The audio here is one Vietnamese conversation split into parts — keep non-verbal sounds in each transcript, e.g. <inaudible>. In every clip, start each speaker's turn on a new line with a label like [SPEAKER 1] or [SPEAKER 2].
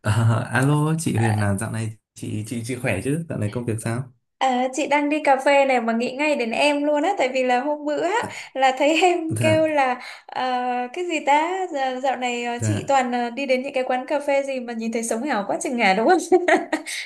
[SPEAKER 1] Ờ, alo chị
[SPEAKER 2] À,
[SPEAKER 1] Huyền là dạo này chị khỏe chứ? Dạo này công việc sao?
[SPEAKER 2] chị đang đi cà phê này mà nghĩ ngay đến em luôn á, tại vì là hôm bữa á,
[SPEAKER 1] Ờ.
[SPEAKER 2] là thấy <laughs> em kêu
[SPEAKER 1] Dạ
[SPEAKER 2] là ờ, cái gì ta. Dạo này chị
[SPEAKER 1] dạ.
[SPEAKER 2] toàn đi đến những cái quán cà phê gì mà nhìn thấy sống ảo quá chừng ngà, đúng không?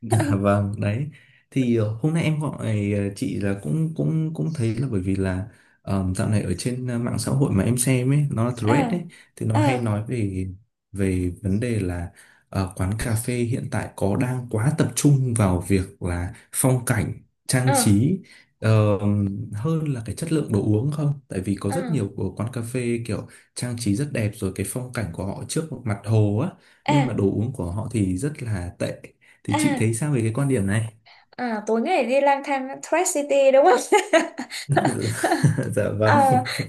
[SPEAKER 1] Dạ
[SPEAKER 2] <laughs>
[SPEAKER 1] vâng, đấy. Thì hôm nay em gọi chị là cũng cũng cũng thấy là bởi vì là dạo này ở trên mạng xã hội mà em xem ấy, nó là
[SPEAKER 2] ờ
[SPEAKER 1] thread ấy thì nó
[SPEAKER 2] ờ
[SPEAKER 1] hay nói về về vấn đề là quán cà phê hiện tại có đang quá tập trung vào việc là phong cảnh, trang
[SPEAKER 2] ờ
[SPEAKER 1] trí ờ, hơn là cái chất lượng đồ uống không? Tại vì có
[SPEAKER 2] ờ
[SPEAKER 1] rất nhiều của quán cà phê kiểu trang trí rất đẹp rồi cái phong cảnh của họ trước mặt hồ á, nhưng mà
[SPEAKER 2] à
[SPEAKER 1] đồ uống của họ thì rất là tệ thì chị
[SPEAKER 2] à
[SPEAKER 1] thấy sao về cái quan điểm này.
[SPEAKER 2] Tối ngày đi lang thang Thread City đúng không?
[SPEAKER 1] <laughs>
[SPEAKER 2] <laughs>
[SPEAKER 1] dạ vâng.
[SPEAKER 2] Ờ,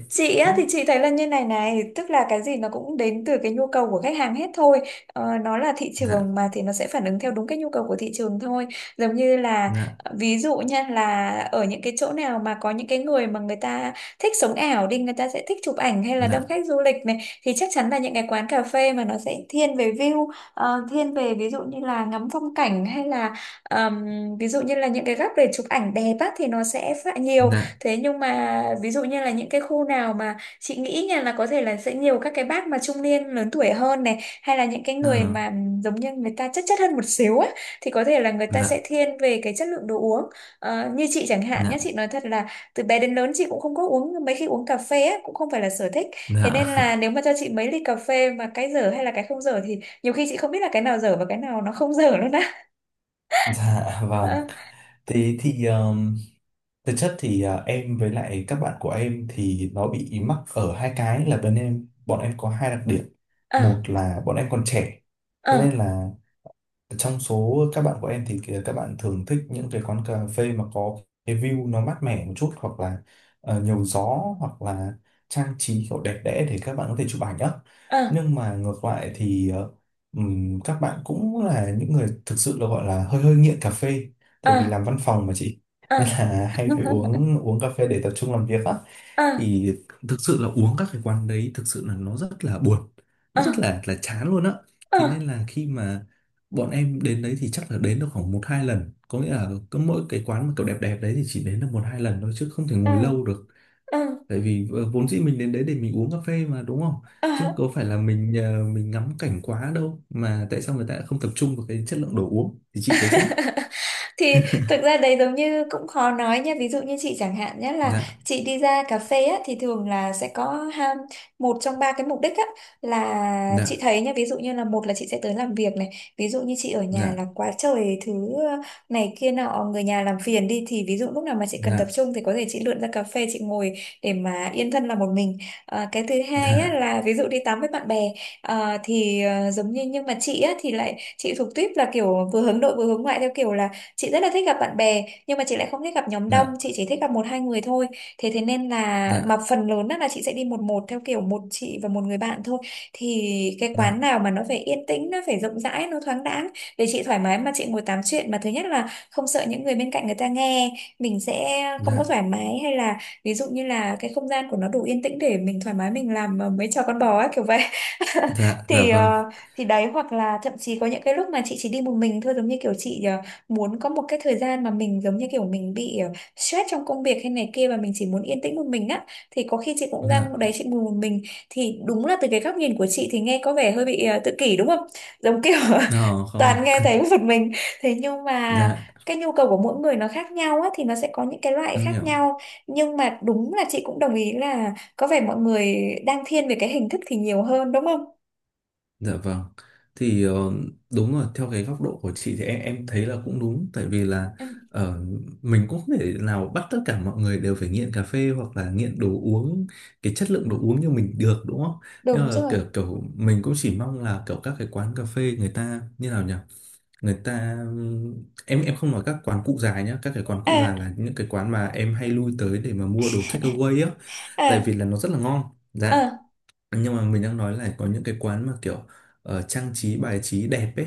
[SPEAKER 2] chị á, thì chị thấy là như này này, tức là cái gì nó cũng đến từ cái nhu cầu của khách hàng hết thôi. Nó là thị
[SPEAKER 1] Dạ.
[SPEAKER 2] trường mà, thì nó sẽ phản ứng theo đúng cái nhu cầu của thị trường thôi. Giống như là
[SPEAKER 1] Dạ.
[SPEAKER 2] ví dụ nha, là ở những cái chỗ nào mà có những cái người mà người ta thích sống ảo đi, người ta sẽ thích chụp ảnh hay là đông
[SPEAKER 1] dạ
[SPEAKER 2] khách du lịch này, thì chắc chắn là những cái quán cà phê mà nó sẽ thiên về view. Thiên về ví dụ như là ngắm phong cảnh hay là ờm, ví dụ như là những cái góc để chụp ảnh đẹp á thì nó sẽ phải nhiều.
[SPEAKER 1] dạ
[SPEAKER 2] Thế nhưng mà ví dụ như là những cái khu nào mà chị nghĩ nha, là có thể là sẽ nhiều các cái bác mà trung niên lớn tuổi hơn này, hay là những cái
[SPEAKER 1] ờ,
[SPEAKER 2] người mà giống như người ta chất chất hơn một xíu á, thì có thể là người ta sẽ
[SPEAKER 1] dạ
[SPEAKER 2] thiên về cái chất lượng đồ uống. Ờ, như chị chẳng hạn nhé,
[SPEAKER 1] dạ
[SPEAKER 2] chị nói thật là từ bé đến lớn chị cũng không có uống, mấy khi uống cà phê á, cũng không phải là sở thích. Thế
[SPEAKER 1] dạ.
[SPEAKER 2] nên là nếu mà cho chị mấy ly cà phê mà cái dở hay là cái không dở thì nhiều khi chị không biết là cái nào dở và cái nào nó không dở luôn á.
[SPEAKER 1] Dạ vâng.
[SPEAKER 2] Ờ
[SPEAKER 1] Thế thì thực chất thì em với lại các bạn của em thì nó bị mắc ở hai cái là bên em bọn em có hai đặc điểm.
[SPEAKER 2] ờ
[SPEAKER 1] Một là bọn em còn trẻ, thế nên
[SPEAKER 2] ờ
[SPEAKER 1] là trong số các bạn của em thì kìa, các bạn thường thích những cái quán cà phê mà có cái view nó mát mẻ một chút, hoặc là nhiều gió, hoặc là trang trí kiểu đẹp đẽ để các bạn có thể chụp ảnh á.
[SPEAKER 2] ờ
[SPEAKER 1] Nhưng mà ngược lại thì các bạn cũng là những người thực sự là gọi là hơi hơi nghiện cà phê,
[SPEAKER 2] ờ
[SPEAKER 1] tại vì làm văn phòng mà chị <laughs> nên là hay phải uống uống cà phê để tập trung làm việc á.
[SPEAKER 2] ờ <laughs>
[SPEAKER 1] Thì thực sự là uống các cái quán đấy thực sự là nó rất là buồn, nó
[SPEAKER 2] ờ
[SPEAKER 1] rất là chán luôn á.
[SPEAKER 2] ờ
[SPEAKER 1] Thế nên là khi mà bọn em đến đấy thì chắc là đến được khoảng một hai lần, có nghĩa là cứ mỗi cái quán mà kiểu đẹp đẹp đấy thì chỉ đến được một hai lần thôi chứ không thể
[SPEAKER 2] ờ
[SPEAKER 1] ngồi lâu được.
[SPEAKER 2] ờ
[SPEAKER 1] Tại vì vốn dĩ mình đến đấy để mình uống cà phê mà, đúng không?
[SPEAKER 2] ờ
[SPEAKER 1] Chứ có phải là mình mình ngắm cảnh quá đâu, mà tại sao người ta lại không tập trung vào cái chất lượng đồ uống, thì chị thấy sao?
[SPEAKER 2] thì thực ra đấy giống như cũng khó nói nha, ví dụ như chị chẳng hạn nhé, là
[SPEAKER 1] Dạ.
[SPEAKER 2] chị đi ra cà phê á, thì thường là sẽ có ha, một trong ba cái mục đích á, là
[SPEAKER 1] Dạ.
[SPEAKER 2] chị thấy nha, ví dụ như là một là chị sẽ tới làm việc này, ví dụ như chị ở nhà là
[SPEAKER 1] Dạ.
[SPEAKER 2] quá trời thứ, ờ, này kia nọ, người nhà làm phiền đi, thì ví dụ lúc nào mà chị cần tập
[SPEAKER 1] Dạ.
[SPEAKER 2] trung thì có thể chị lượn ra cà phê chị ngồi để mà yên thân là một mình. À, cái thứ hai á,
[SPEAKER 1] Dạ.
[SPEAKER 2] là ví dụ đi tắm với bạn bè. À, thì à, giống như nhưng mà chị á, thì lại chị thuộc tuyếp là kiểu vừa hướng nội vừa hướng ngoại, theo kiểu là chị rất là thích gặp bạn bè, nhưng mà chị lại không thích gặp nhóm đông, chị chỉ thích gặp một hai người thôi. Thế thế nên là mà
[SPEAKER 1] Dạ
[SPEAKER 2] phần lớn á là chị sẽ đi một một theo kiểu một chị và một người bạn thôi. Thì cái
[SPEAKER 1] dạ
[SPEAKER 2] quán nào
[SPEAKER 1] dạ
[SPEAKER 2] mà nó phải yên tĩnh, nó phải rộng rãi, nó thoáng đãng để chị thoải mái mà chị ngồi tám chuyện, mà thứ nhất là không sợ những người bên cạnh người ta nghe mình sẽ không có
[SPEAKER 1] dạ
[SPEAKER 2] thoải mái, hay là ví dụ như là cái không gian của nó đủ yên tĩnh để mình thoải mái mình làm mấy trò con bò ấy, kiểu vậy. <laughs>
[SPEAKER 1] dạ dạ
[SPEAKER 2] thì
[SPEAKER 1] vâng.
[SPEAKER 2] ờ, thì đấy, hoặc là thậm chí có những cái lúc mà chị chỉ đi một mình thôi, giống như kiểu chị muốn có một cái thời gian mà mình giống như kiểu mình bị stress trong công việc hay này kia, và mình chỉ muốn yên tĩnh một mình á, thì có khi chị cũng ra
[SPEAKER 1] Dạ.
[SPEAKER 2] đấy chị ngồi một mình. Thì đúng là từ cái góc nhìn của chị thì nghe có vẻ hơi bị tự kỷ đúng không, giống kiểu
[SPEAKER 1] Ờ
[SPEAKER 2] <laughs>
[SPEAKER 1] không.
[SPEAKER 2] toàn nghe thấy
[SPEAKER 1] <laughs>
[SPEAKER 2] một mình. Thế nhưng mà
[SPEAKER 1] dạ.
[SPEAKER 2] cái nhu cầu của mỗi người nó khác nhau á, thì nó sẽ có những cái loại
[SPEAKER 1] Em
[SPEAKER 2] khác
[SPEAKER 1] hiểu.
[SPEAKER 2] nhau. Nhưng mà đúng là chị cũng đồng ý là có vẻ mọi người đang thiên về cái hình thức thì nhiều hơn đúng không?
[SPEAKER 1] Dạ vâng. Thì đúng rồi, theo cái góc độ của chị thì em thấy là cũng đúng, tại vì là
[SPEAKER 2] Ừ,
[SPEAKER 1] ờ, mình cũng không thể nào bắt tất cả mọi người đều phải nghiện cà phê hoặc là nghiện đồ uống, cái chất lượng đồ uống như mình được, đúng không? Nhưng
[SPEAKER 2] đúng
[SPEAKER 1] mà
[SPEAKER 2] rồi.
[SPEAKER 1] kiểu kiểu mình cũng chỉ mong là kiểu các cái quán cà phê người ta như nào nhỉ? Người ta, em không nói các quán cụ già nhá, các cái quán cụ già
[SPEAKER 2] à
[SPEAKER 1] là những cái quán mà em hay lui tới để mà mua đồ take away á, tại
[SPEAKER 2] à
[SPEAKER 1] vì là nó rất là ngon. Dạ.
[SPEAKER 2] à
[SPEAKER 1] Nhưng mà mình đang nói là có những cái quán mà kiểu trang trí bài trí đẹp ấy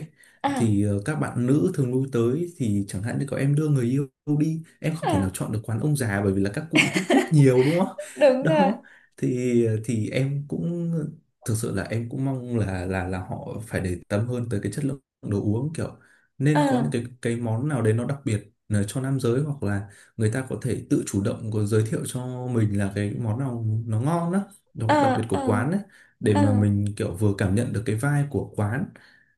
[SPEAKER 1] thì
[SPEAKER 2] à
[SPEAKER 1] các bạn nữ thường lui tới, thì chẳng hạn như có em đưa người yêu đi, em không thể nào
[SPEAKER 2] à
[SPEAKER 1] chọn được quán ông già bởi vì là các cụ hút thuốc nhiều, đúng không? <laughs>
[SPEAKER 2] Đúng rồi.
[SPEAKER 1] đó thì em cũng thực sự là em cũng mong là là họ phải để tâm hơn tới cái chất lượng đồ uống, kiểu
[SPEAKER 2] ờ
[SPEAKER 1] nên có những cái món nào đấy nó đặc biệt cho nam giới, hoặc là người ta có thể tự chủ động có giới thiệu cho mình là cái món nào nó ngon đó, đồ đặc biệt
[SPEAKER 2] ờ ờ
[SPEAKER 1] của quán ấy, để
[SPEAKER 2] ờ
[SPEAKER 1] mà mình kiểu vừa cảm nhận được cái vibe của quán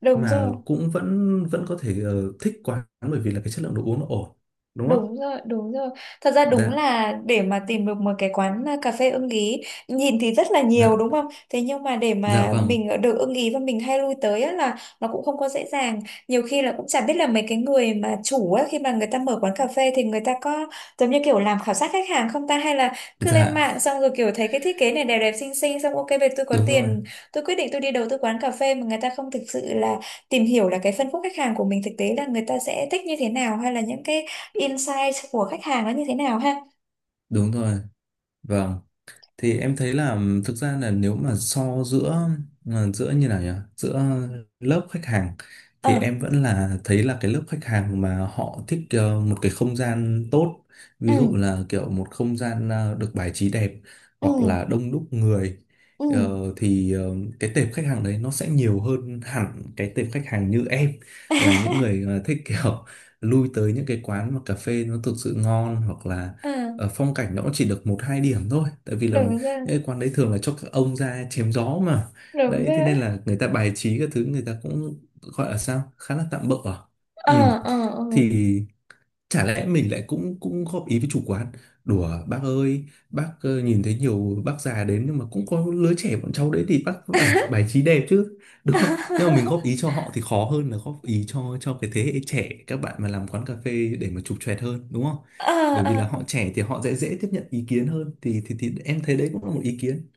[SPEAKER 2] Đúng
[SPEAKER 1] mà
[SPEAKER 2] rồi.
[SPEAKER 1] cũng vẫn vẫn có thể thích quán bởi vì là cái chất lượng đồ uống nó ổn, đúng không?
[SPEAKER 2] Đúng rồi, đúng rồi. Thật ra đúng
[SPEAKER 1] Dạ.
[SPEAKER 2] là để mà tìm được một cái quán à, cà phê ưng ý, nhìn thì rất là nhiều
[SPEAKER 1] Dạ.
[SPEAKER 2] đúng không? Thế nhưng mà để
[SPEAKER 1] Dạ
[SPEAKER 2] mà
[SPEAKER 1] vâng.
[SPEAKER 2] mình được ưng ý và mình hay lui tới á, là nó cũng không có dễ dàng. Nhiều khi là cũng chả biết là mấy cái người mà chủ á, khi mà người ta mở quán cà phê thì người ta có giống như kiểu làm khảo sát khách hàng không ta? Hay là cứ lên
[SPEAKER 1] Dạ.
[SPEAKER 2] mạng xong rồi kiểu thấy cái thiết kế này đẹp đẹp xinh xinh, xong ok về tôi có
[SPEAKER 1] Đúng rồi,
[SPEAKER 2] tiền, tôi quyết định tôi đi đầu tư quán cà phê, mà người ta không thực sự là tìm hiểu là cái phân khúc khách hàng của mình thực tế là người ta sẽ thích như thế nào, hay là những cái insight của khách hàng nó như thế nào ha.
[SPEAKER 1] đúng rồi. Vâng, thì em thấy là thực ra là nếu mà so giữa giữa như nào nhỉ, giữa lớp khách hàng
[SPEAKER 2] ờ
[SPEAKER 1] thì em vẫn là thấy là cái lớp khách hàng mà họ thích một cái không gian tốt,
[SPEAKER 2] ừ
[SPEAKER 1] ví dụ là kiểu một không gian được bài trí đẹp, hoặc
[SPEAKER 2] ừ
[SPEAKER 1] là đông đúc người.
[SPEAKER 2] ừ
[SPEAKER 1] Ờ, thì cái tệp khách hàng đấy nó sẽ nhiều hơn hẳn cái tệp khách hàng như em, là những
[SPEAKER 2] <laughs>
[SPEAKER 1] người thích kiểu lui tới những cái quán mà cà phê nó thực sự ngon, hoặc là
[SPEAKER 2] ờ
[SPEAKER 1] phong cảnh nó cũng chỉ được một hai điểm thôi, tại vì là
[SPEAKER 2] đúng rồi,
[SPEAKER 1] cái quán đấy thường là cho các ông ra chém gió mà.
[SPEAKER 2] đúng
[SPEAKER 1] Đấy thế
[SPEAKER 2] rồi.
[SPEAKER 1] nên là người ta bài trí các thứ người ta cũng gọi là sao khá là tạm bợ à.
[SPEAKER 2] ờ
[SPEAKER 1] Ừ,
[SPEAKER 2] ờ ờ
[SPEAKER 1] thì chả lẽ mình lại cũng cũng góp ý với chủ quán: "Đùa bác ơi, bác nhìn thấy nhiều bác già đến nhưng mà cũng có lứa trẻ bọn cháu đấy thì bác phải bài
[SPEAKER 2] <laughs>
[SPEAKER 1] trí đẹp chứ, đúng không?" Nhưng mà mình góp ý cho họ thì khó hơn là góp ý cho cái thế hệ trẻ các bạn mà làm quán cà phê để mà chụp choẹt hơn, đúng không?
[SPEAKER 2] ờ
[SPEAKER 1] Bởi
[SPEAKER 2] ờ
[SPEAKER 1] vì là họ trẻ thì họ dễ dễ tiếp nhận ý kiến hơn, thì thì em thấy đấy cũng là một ý kiến,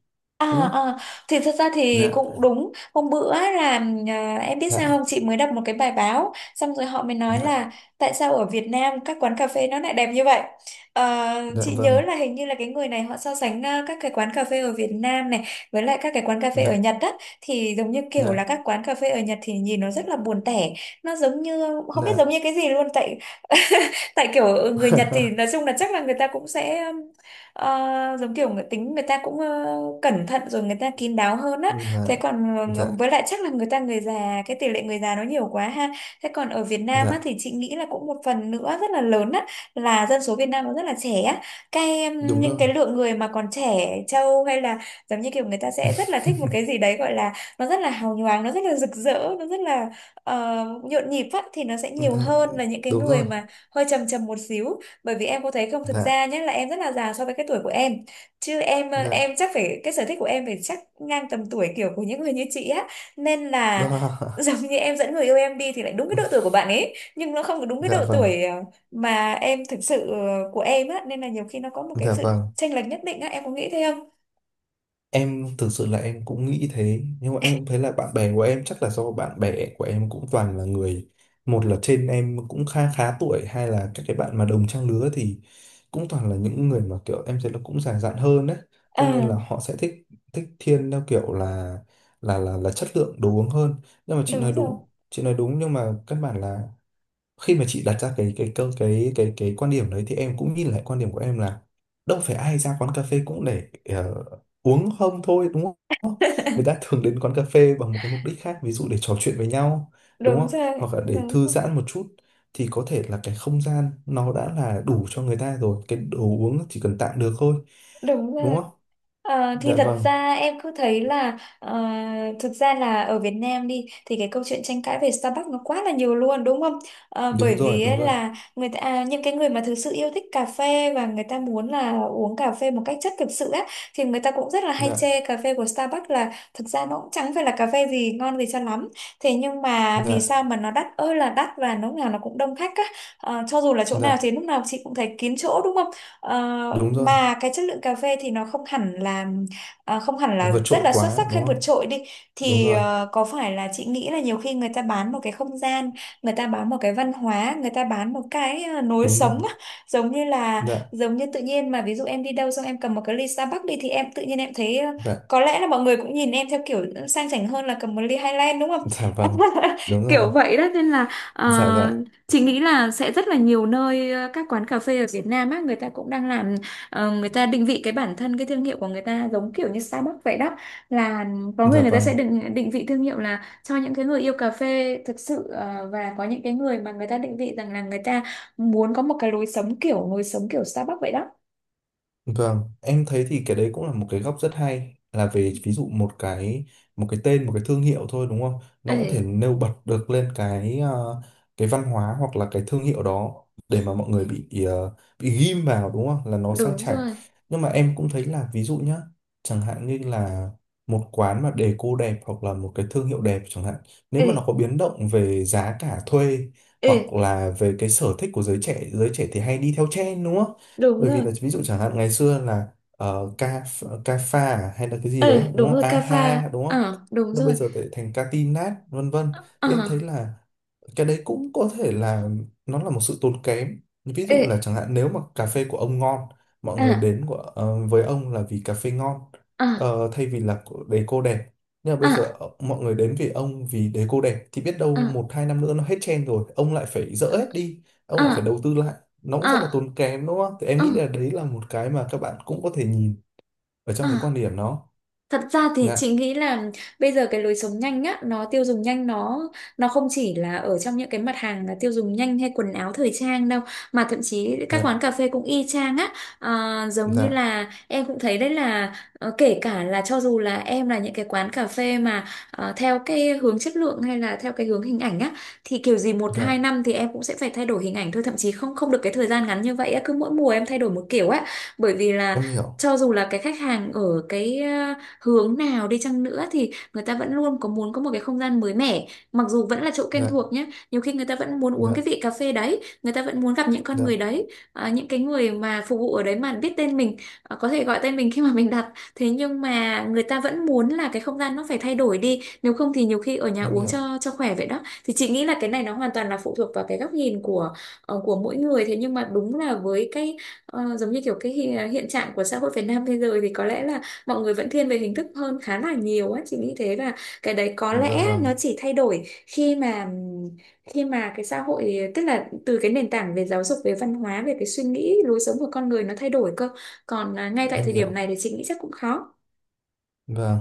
[SPEAKER 1] đúng
[SPEAKER 2] À,
[SPEAKER 1] không?
[SPEAKER 2] à, thì thật ra thì
[SPEAKER 1] Dạ.
[SPEAKER 2] cũng đúng, hôm bữa là à, em biết
[SPEAKER 1] Dạ.
[SPEAKER 2] sao không, chị mới đọc một cái bài báo xong rồi họ mới nói là tại sao ở Việt Nam các quán cà phê nó lại đẹp như vậy. Ờ,
[SPEAKER 1] Dạ
[SPEAKER 2] chị nhớ
[SPEAKER 1] vâng.
[SPEAKER 2] là hình như là cái người này họ so sánh à, các cái quán cà phê ở Việt Nam này với lại các cái quán cà phê ở
[SPEAKER 1] Dạ.
[SPEAKER 2] Nhật á, thì giống như kiểu là
[SPEAKER 1] Dạ.
[SPEAKER 2] các quán cà phê ở Nhật thì nhìn nó rất là buồn tẻ, nó giống như không biết giống
[SPEAKER 1] Dạ.
[SPEAKER 2] như cái gì luôn tại <laughs> tại kiểu người Nhật thì nói chung là chắc là người ta cũng sẽ giống kiểu người tính, người ta cũng cẩn thận rồi người ta kín đáo hơn á.
[SPEAKER 1] Dạ.
[SPEAKER 2] Thế còn
[SPEAKER 1] Dạ.
[SPEAKER 2] với lại chắc là người ta, người già, cái tỷ lệ người già nó nhiều quá ha. Thế còn ở Việt Nam á
[SPEAKER 1] Dạ.
[SPEAKER 2] thì chị nghĩ là cũng một phần nữa rất là lớn á, là dân số Việt Nam nó rất là trẻ á, cái
[SPEAKER 1] Đúng
[SPEAKER 2] những
[SPEAKER 1] rồi.
[SPEAKER 2] cái lượng người mà còn trẻ trâu hay là giống như kiểu người ta sẽ rất là thích một cái gì
[SPEAKER 1] <laughs>
[SPEAKER 2] đấy gọi là nó rất là hào nhoáng, nó rất là rực rỡ, nó rất là nhộn nhịp á, thì nó sẽ nhiều
[SPEAKER 1] Dạ,
[SPEAKER 2] hơn là những cái
[SPEAKER 1] đúng
[SPEAKER 2] người
[SPEAKER 1] rồi.
[SPEAKER 2] mà hơi trầm trầm một xíu. Bởi vì em có thấy không, thực
[SPEAKER 1] Dạ.
[SPEAKER 2] ra nhé là em rất là già so với cái tuổi của em, chứ em
[SPEAKER 1] Dạ.
[SPEAKER 2] em chắc phải, cái sở thích của em phải chắc ngang tầm tuổi kiểu của những người như chị á, nên là <laughs>
[SPEAKER 1] Đó.
[SPEAKER 2] giống như em dẫn người yêu em đi thì lại đúng cái độ tuổi của
[SPEAKER 1] <laughs>
[SPEAKER 2] bạn ấy, nhưng nó không có đúng cái
[SPEAKER 1] dạ
[SPEAKER 2] độ
[SPEAKER 1] vâng.
[SPEAKER 2] tuổi mà em thực sự của em á, nên là nhiều khi nó có một cái
[SPEAKER 1] Dạ
[SPEAKER 2] sự
[SPEAKER 1] vâng.
[SPEAKER 2] chênh lệch nhất định á, em có nghĩ thế không?
[SPEAKER 1] Em thực sự là em cũng nghĩ thế nhưng mà em cũng thấy là bạn bè của em chắc là do bạn bè của em cũng toàn là người, một là trên em cũng khá khá tuổi, hai là các cái bạn mà đồng trang lứa thì cũng toàn là những người mà kiểu em thấy là cũng già dặn hơn đấy,
[SPEAKER 2] ờ
[SPEAKER 1] thế nên là họ sẽ thích thích thiên theo kiểu là là chất lượng đồ uống hơn. Nhưng mà chị nói
[SPEAKER 2] đúng rồi
[SPEAKER 1] đúng, chị nói đúng, nhưng mà căn bản là khi mà chị đặt ra cái câu cái quan điểm đấy thì em cũng nhìn lại quan điểm của em là, đâu phải ai ra quán cà phê cũng để uống không thôi, đúng không? Người ta thường đến quán cà phê bằng một cái mục đích khác, ví dụ để trò chuyện với nhau, đúng
[SPEAKER 2] đúng
[SPEAKER 1] không?
[SPEAKER 2] rồi
[SPEAKER 1] Hoặc là để
[SPEAKER 2] đúng
[SPEAKER 1] thư
[SPEAKER 2] rồi
[SPEAKER 1] giãn một chút, thì có thể là cái không gian nó đã là đủ cho người ta rồi, cái đồ uống chỉ cần tạm được thôi,
[SPEAKER 2] Đúng
[SPEAKER 1] đúng
[SPEAKER 2] rồi.
[SPEAKER 1] không?
[SPEAKER 2] Ờ, thì
[SPEAKER 1] Dạ
[SPEAKER 2] thật
[SPEAKER 1] vâng,
[SPEAKER 2] ra em cứ thấy là thực ra là ở Việt Nam đi thì cái câu chuyện tranh cãi về Starbucks nó quá là nhiều luôn đúng không? Ờ, bởi
[SPEAKER 1] đúng rồi,
[SPEAKER 2] vì
[SPEAKER 1] đúng
[SPEAKER 2] ấy
[SPEAKER 1] rồi.
[SPEAKER 2] là người ta à, những cái người mà thực sự yêu thích cà phê và người ta muốn là uống cà phê một cách chất thực sự á, thì người ta cũng rất là hay
[SPEAKER 1] Dạ,
[SPEAKER 2] chê cà phê của Starbucks là thực ra nó cũng chẳng phải là cà phê gì ngon gì cho lắm. Thế nhưng mà vì
[SPEAKER 1] dạ,
[SPEAKER 2] sao mà nó đắt ơi là đắt và lúc nào nó cũng đông khách á. Ờ, cho dù là chỗ nào
[SPEAKER 1] dạ,
[SPEAKER 2] thì lúc nào chị cũng thấy kín chỗ đúng không? Ờ,
[SPEAKER 1] đúng rồi.
[SPEAKER 2] mà cái chất lượng cà phê thì nó không hẳn là à, không hẳn là
[SPEAKER 1] Vượt
[SPEAKER 2] rất
[SPEAKER 1] trội
[SPEAKER 2] là xuất
[SPEAKER 1] quá
[SPEAKER 2] sắc hay
[SPEAKER 1] đúng
[SPEAKER 2] vượt
[SPEAKER 1] không?
[SPEAKER 2] trội đi,
[SPEAKER 1] Đúng
[SPEAKER 2] thì
[SPEAKER 1] rồi,
[SPEAKER 2] có phải là chị nghĩ là nhiều khi người ta bán một cái không gian, người ta bán một cái văn hóa, người ta bán một cái lối
[SPEAKER 1] đúng rồi.
[SPEAKER 2] sống á. giống như là
[SPEAKER 1] Dạ.
[SPEAKER 2] giống như tự nhiên mà, ví dụ em đi đâu xong em cầm một cái ly Starbucks đi thì em tự nhiên em thấy
[SPEAKER 1] Dạ.
[SPEAKER 2] có lẽ là mọi người cũng nhìn em theo kiểu sang chảnh hơn là cầm một ly Highland, đúng không?
[SPEAKER 1] Dạ vâng.
[SPEAKER 2] <laughs>
[SPEAKER 1] Đúng rồi.
[SPEAKER 2] Kiểu vậy đó nên là ờ,
[SPEAKER 1] Dạ. Dạ.
[SPEAKER 2] chị nghĩ là sẽ rất là nhiều nơi, các quán cà phê ở Việt Nam á, người ta cũng đang làm, người ta định vị cái bản thân, cái thương hiệu của người ta giống kiểu như Starbucks vậy đó, là có người
[SPEAKER 1] Dạ
[SPEAKER 2] người ta sẽ
[SPEAKER 1] vâng.
[SPEAKER 2] định định vị thương hiệu là cho những cái người yêu cà phê thực sự, và có những cái người mà người ta định vị rằng là người ta muốn có một cái lối sống kiểu Starbucks vậy đó.
[SPEAKER 1] Vâng, em thấy thì cái đấy cũng là một cái góc rất hay, là về ví dụ một cái tên một cái thương hiệu thôi, đúng không? Nó
[SPEAKER 2] Ê,
[SPEAKER 1] cũng thể nêu bật được lên cái cái văn hóa hoặc là cái thương hiệu đó, để mà mọi người bị bị ghim vào, đúng không? Là nó sang
[SPEAKER 2] đúng
[SPEAKER 1] chảnh.
[SPEAKER 2] rồi.
[SPEAKER 1] Nhưng mà em cũng thấy là ví dụ nhá, chẳng hạn như là một quán mà đề cô đẹp hoặc là một cái thương hiệu đẹp chẳng hạn, nếu
[SPEAKER 2] Ê,
[SPEAKER 1] mà nó có biến động về giá cả thuê,
[SPEAKER 2] ê,
[SPEAKER 1] hoặc là về cái sở thích của giới trẻ thì hay đi theo trend, đúng không?
[SPEAKER 2] đúng
[SPEAKER 1] Bởi vì
[SPEAKER 2] rồi.
[SPEAKER 1] là ví dụ chẳng hạn ngày xưa là ca ca pha à, hay là cái gì đấy
[SPEAKER 2] Ê,
[SPEAKER 1] đúng
[SPEAKER 2] đúng
[SPEAKER 1] không,
[SPEAKER 2] rồi,
[SPEAKER 1] a
[SPEAKER 2] cà pha.
[SPEAKER 1] ha đúng không,
[SPEAKER 2] Ờ, đúng
[SPEAKER 1] nó bây
[SPEAKER 2] rồi.
[SPEAKER 1] giờ lại thành ca tin nát vân vân,
[SPEAKER 2] Ờ,
[SPEAKER 1] thì em thấy là cái đấy cũng có thể là nó là một sự tốn kém. Ví
[SPEAKER 2] ê,
[SPEAKER 1] dụ là chẳng hạn nếu mà cà phê của ông ngon, mọi người
[SPEAKER 2] à,
[SPEAKER 1] đến của, với ông là vì cà phê ngon
[SPEAKER 2] à,
[SPEAKER 1] thay vì là của- đề cô đẹp, nhưng mà bây giờ
[SPEAKER 2] à,
[SPEAKER 1] mọi người đến vì ông vì đề cô đẹp, thì biết đâu
[SPEAKER 2] à.
[SPEAKER 1] một hai năm nữa nó hết trend rồi, ông lại phải dỡ hết đi, ông lại phải
[SPEAKER 2] À.
[SPEAKER 1] đầu tư lại, nó cũng
[SPEAKER 2] Ừ,
[SPEAKER 1] rất là tốn kém, đúng không? Thì em
[SPEAKER 2] ừ,
[SPEAKER 1] nghĩ là đấy là một cái mà các bạn cũng có thể nhìn ở trong cái
[SPEAKER 2] ừ.
[SPEAKER 1] quan điểm đó.
[SPEAKER 2] Thật ra thì
[SPEAKER 1] Dạ.
[SPEAKER 2] chị nghĩ là bây giờ cái lối sống nhanh á, nó tiêu dùng nhanh, nó không chỉ là ở trong những cái mặt hàng là tiêu dùng nhanh hay quần áo thời trang đâu, mà thậm chí các quán
[SPEAKER 1] Dạ.
[SPEAKER 2] cà phê cũng y chang á. Giống như
[SPEAKER 1] Dạ.
[SPEAKER 2] là em cũng thấy đấy là kể cả là cho dù là em là những cái quán cà phê mà theo cái hướng chất lượng hay là theo cái hướng hình ảnh á, thì kiểu gì một
[SPEAKER 1] Dạ.
[SPEAKER 2] hai năm thì em cũng sẽ phải thay đổi hình ảnh thôi, thậm chí không không được cái thời gian ngắn như vậy á, cứ mỗi mùa em thay đổi một kiểu á. Bởi vì là
[SPEAKER 1] Em hiểu.
[SPEAKER 2] cho dù là cái khách hàng ở cái hướng nào đi chăng nữa, thì người ta vẫn luôn có muốn có một cái không gian mới mẻ, mặc dù vẫn là chỗ quen
[SPEAKER 1] Dạ.
[SPEAKER 2] thuộc nhé. Nhiều khi người ta vẫn muốn uống cái
[SPEAKER 1] Dạ.
[SPEAKER 2] vị cà phê đấy, người ta vẫn muốn gặp những con
[SPEAKER 1] Dạ.
[SPEAKER 2] người đấy, à, những cái người mà phục vụ ở đấy mà biết tên mình, à, có thể gọi tên mình khi mà mình đặt. Thế nhưng mà người ta vẫn muốn là cái không gian nó phải thay đổi đi, nếu không thì nhiều khi ở nhà
[SPEAKER 1] Em
[SPEAKER 2] uống
[SPEAKER 1] hiểu.
[SPEAKER 2] cho khỏe vậy đó. Thì chị nghĩ là cái này nó hoàn toàn là phụ thuộc vào cái góc nhìn của của mỗi người. Thế nhưng mà đúng là với cái giống như kiểu cái hiện trạng của xã hội Việt Nam bây giờ thì có lẽ là mọi người vẫn thiên về hình thức hơn khá là nhiều á, chị nghĩ thế. Và cái đấy có
[SPEAKER 1] Dạ
[SPEAKER 2] lẽ nó
[SPEAKER 1] vâng.
[SPEAKER 2] chỉ thay đổi khi mà cái xã hội, tức là từ cái nền tảng về giáo dục, về văn hóa, về cái suy nghĩ lối sống của con người nó thay đổi cơ. Còn à, ngay tại
[SPEAKER 1] Em
[SPEAKER 2] thời điểm
[SPEAKER 1] hiểu.
[SPEAKER 2] này thì chị nghĩ chắc cũng khó.
[SPEAKER 1] Vâng.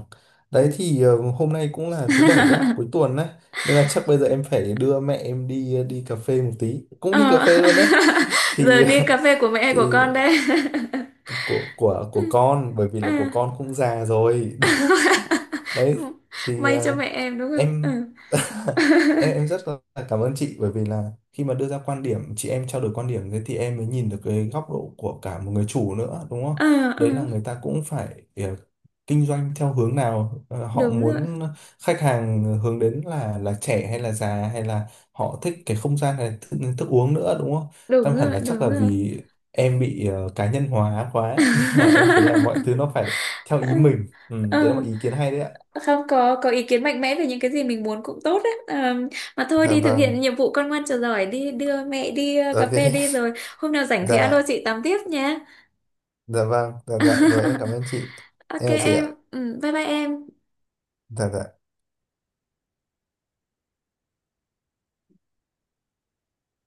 [SPEAKER 2] Ừ.
[SPEAKER 1] Đấy thì hôm nay cũng là thứ bảy á, cuối
[SPEAKER 2] <laughs>
[SPEAKER 1] tuần á. Nên là chắc bây giờ em phải đưa mẹ em đi đi cà phê một tí. Cũng đi cà
[SPEAKER 2] Ờ.
[SPEAKER 1] phê luôn đấy.
[SPEAKER 2] <laughs> Giờ
[SPEAKER 1] Thì
[SPEAKER 2] đi cà phê của
[SPEAKER 1] <laughs>
[SPEAKER 2] mẹ của
[SPEAKER 1] thì
[SPEAKER 2] con đây. <laughs>
[SPEAKER 1] của của
[SPEAKER 2] Ừ.
[SPEAKER 1] của con bởi vì là của
[SPEAKER 2] À.
[SPEAKER 1] con cũng già rồi. <laughs>
[SPEAKER 2] <laughs>
[SPEAKER 1] Đấy thì
[SPEAKER 2] May cho mẹ em, đúng không?
[SPEAKER 1] em
[SPEAKER 2] Ừ.
[SPEAKER 1] <laughs>
[SPEAKER 2] <laughs>
[SPEAKER 1] em rất là cảm ơn chị bởi vì là khi mà đưa ra quan điểm chị em trao đổi quan điểm thế thì em mới nhìn được cái góc độ của cả một người chủ nữa, đúng không?
[SPEAKER 2] Ờ, ờ.
[SPEAKER 1] Đấy là người ta cũng phải kinh doanh theo hướng nào, họ
[SPEAKER 2] Đúng rồi,
[SPEAKER 1] muốn khách hàng hướng đến là trẻ hay là già, hay là họ thích cái không gian hay thức, thức uống nữa, đúng không?
[SPEAKER 2] đúng
[SPEAKER 1] Tâm hẳn
[SPEAKER 2] rồi,
[SPEAKER 1] là chắc
[SPEAKER 2] đúng
[SPEAKER 1] là
[SPEAKER 2] rồi.
[SPEAKER 1] vì em bị cá nhân hóa quá <laughs> nên là em thấy là mọi thứ nó
[SPEAKER 2] <laughs>
[SPEAKER 1] phải theo ý mình. Ừ,
[SPEAKER 2] Ờ,
[SPEAKER 1] đấy là một ý kiến hay đấy ạ.
[SPEAKER 2] Không có ý kiến mạnh mẽ về những cái gì mình muốn cũng tốt đấy. Ờ, mà thôi,
[SPEAKER 1] Dạ
[SPEAKER 2] đi thực
[SPEAKER 1] vâng.
[SPEAKER 2] hiện nhiệm vụ con ngoan trò giỏi, đi đưa mẹ đi cà phê
[SPEAKER 1] Ok.
[SPEAKER 2] đi, rồi hôm nào rảnh thì alo
[SPEAKER 1] Dạ.
[SPEAKER 2] chị tám tiếp nhé.
[SPEAKER 1] Dạ vâng. Dạ. Dạ rồi em cảm
[SPEAKER 2] <laughs>
[SPEAKER 1] ơn chị.
[SPEAKER 2] Ok
[SPEAKER 1] Em chào chị
[SPEAKER 2] em.
[SPEAKER 1] ạ.
[SPEAKER 2] Ừ, bye bye em.
[SPEAKER 1] Dạ. Dạ.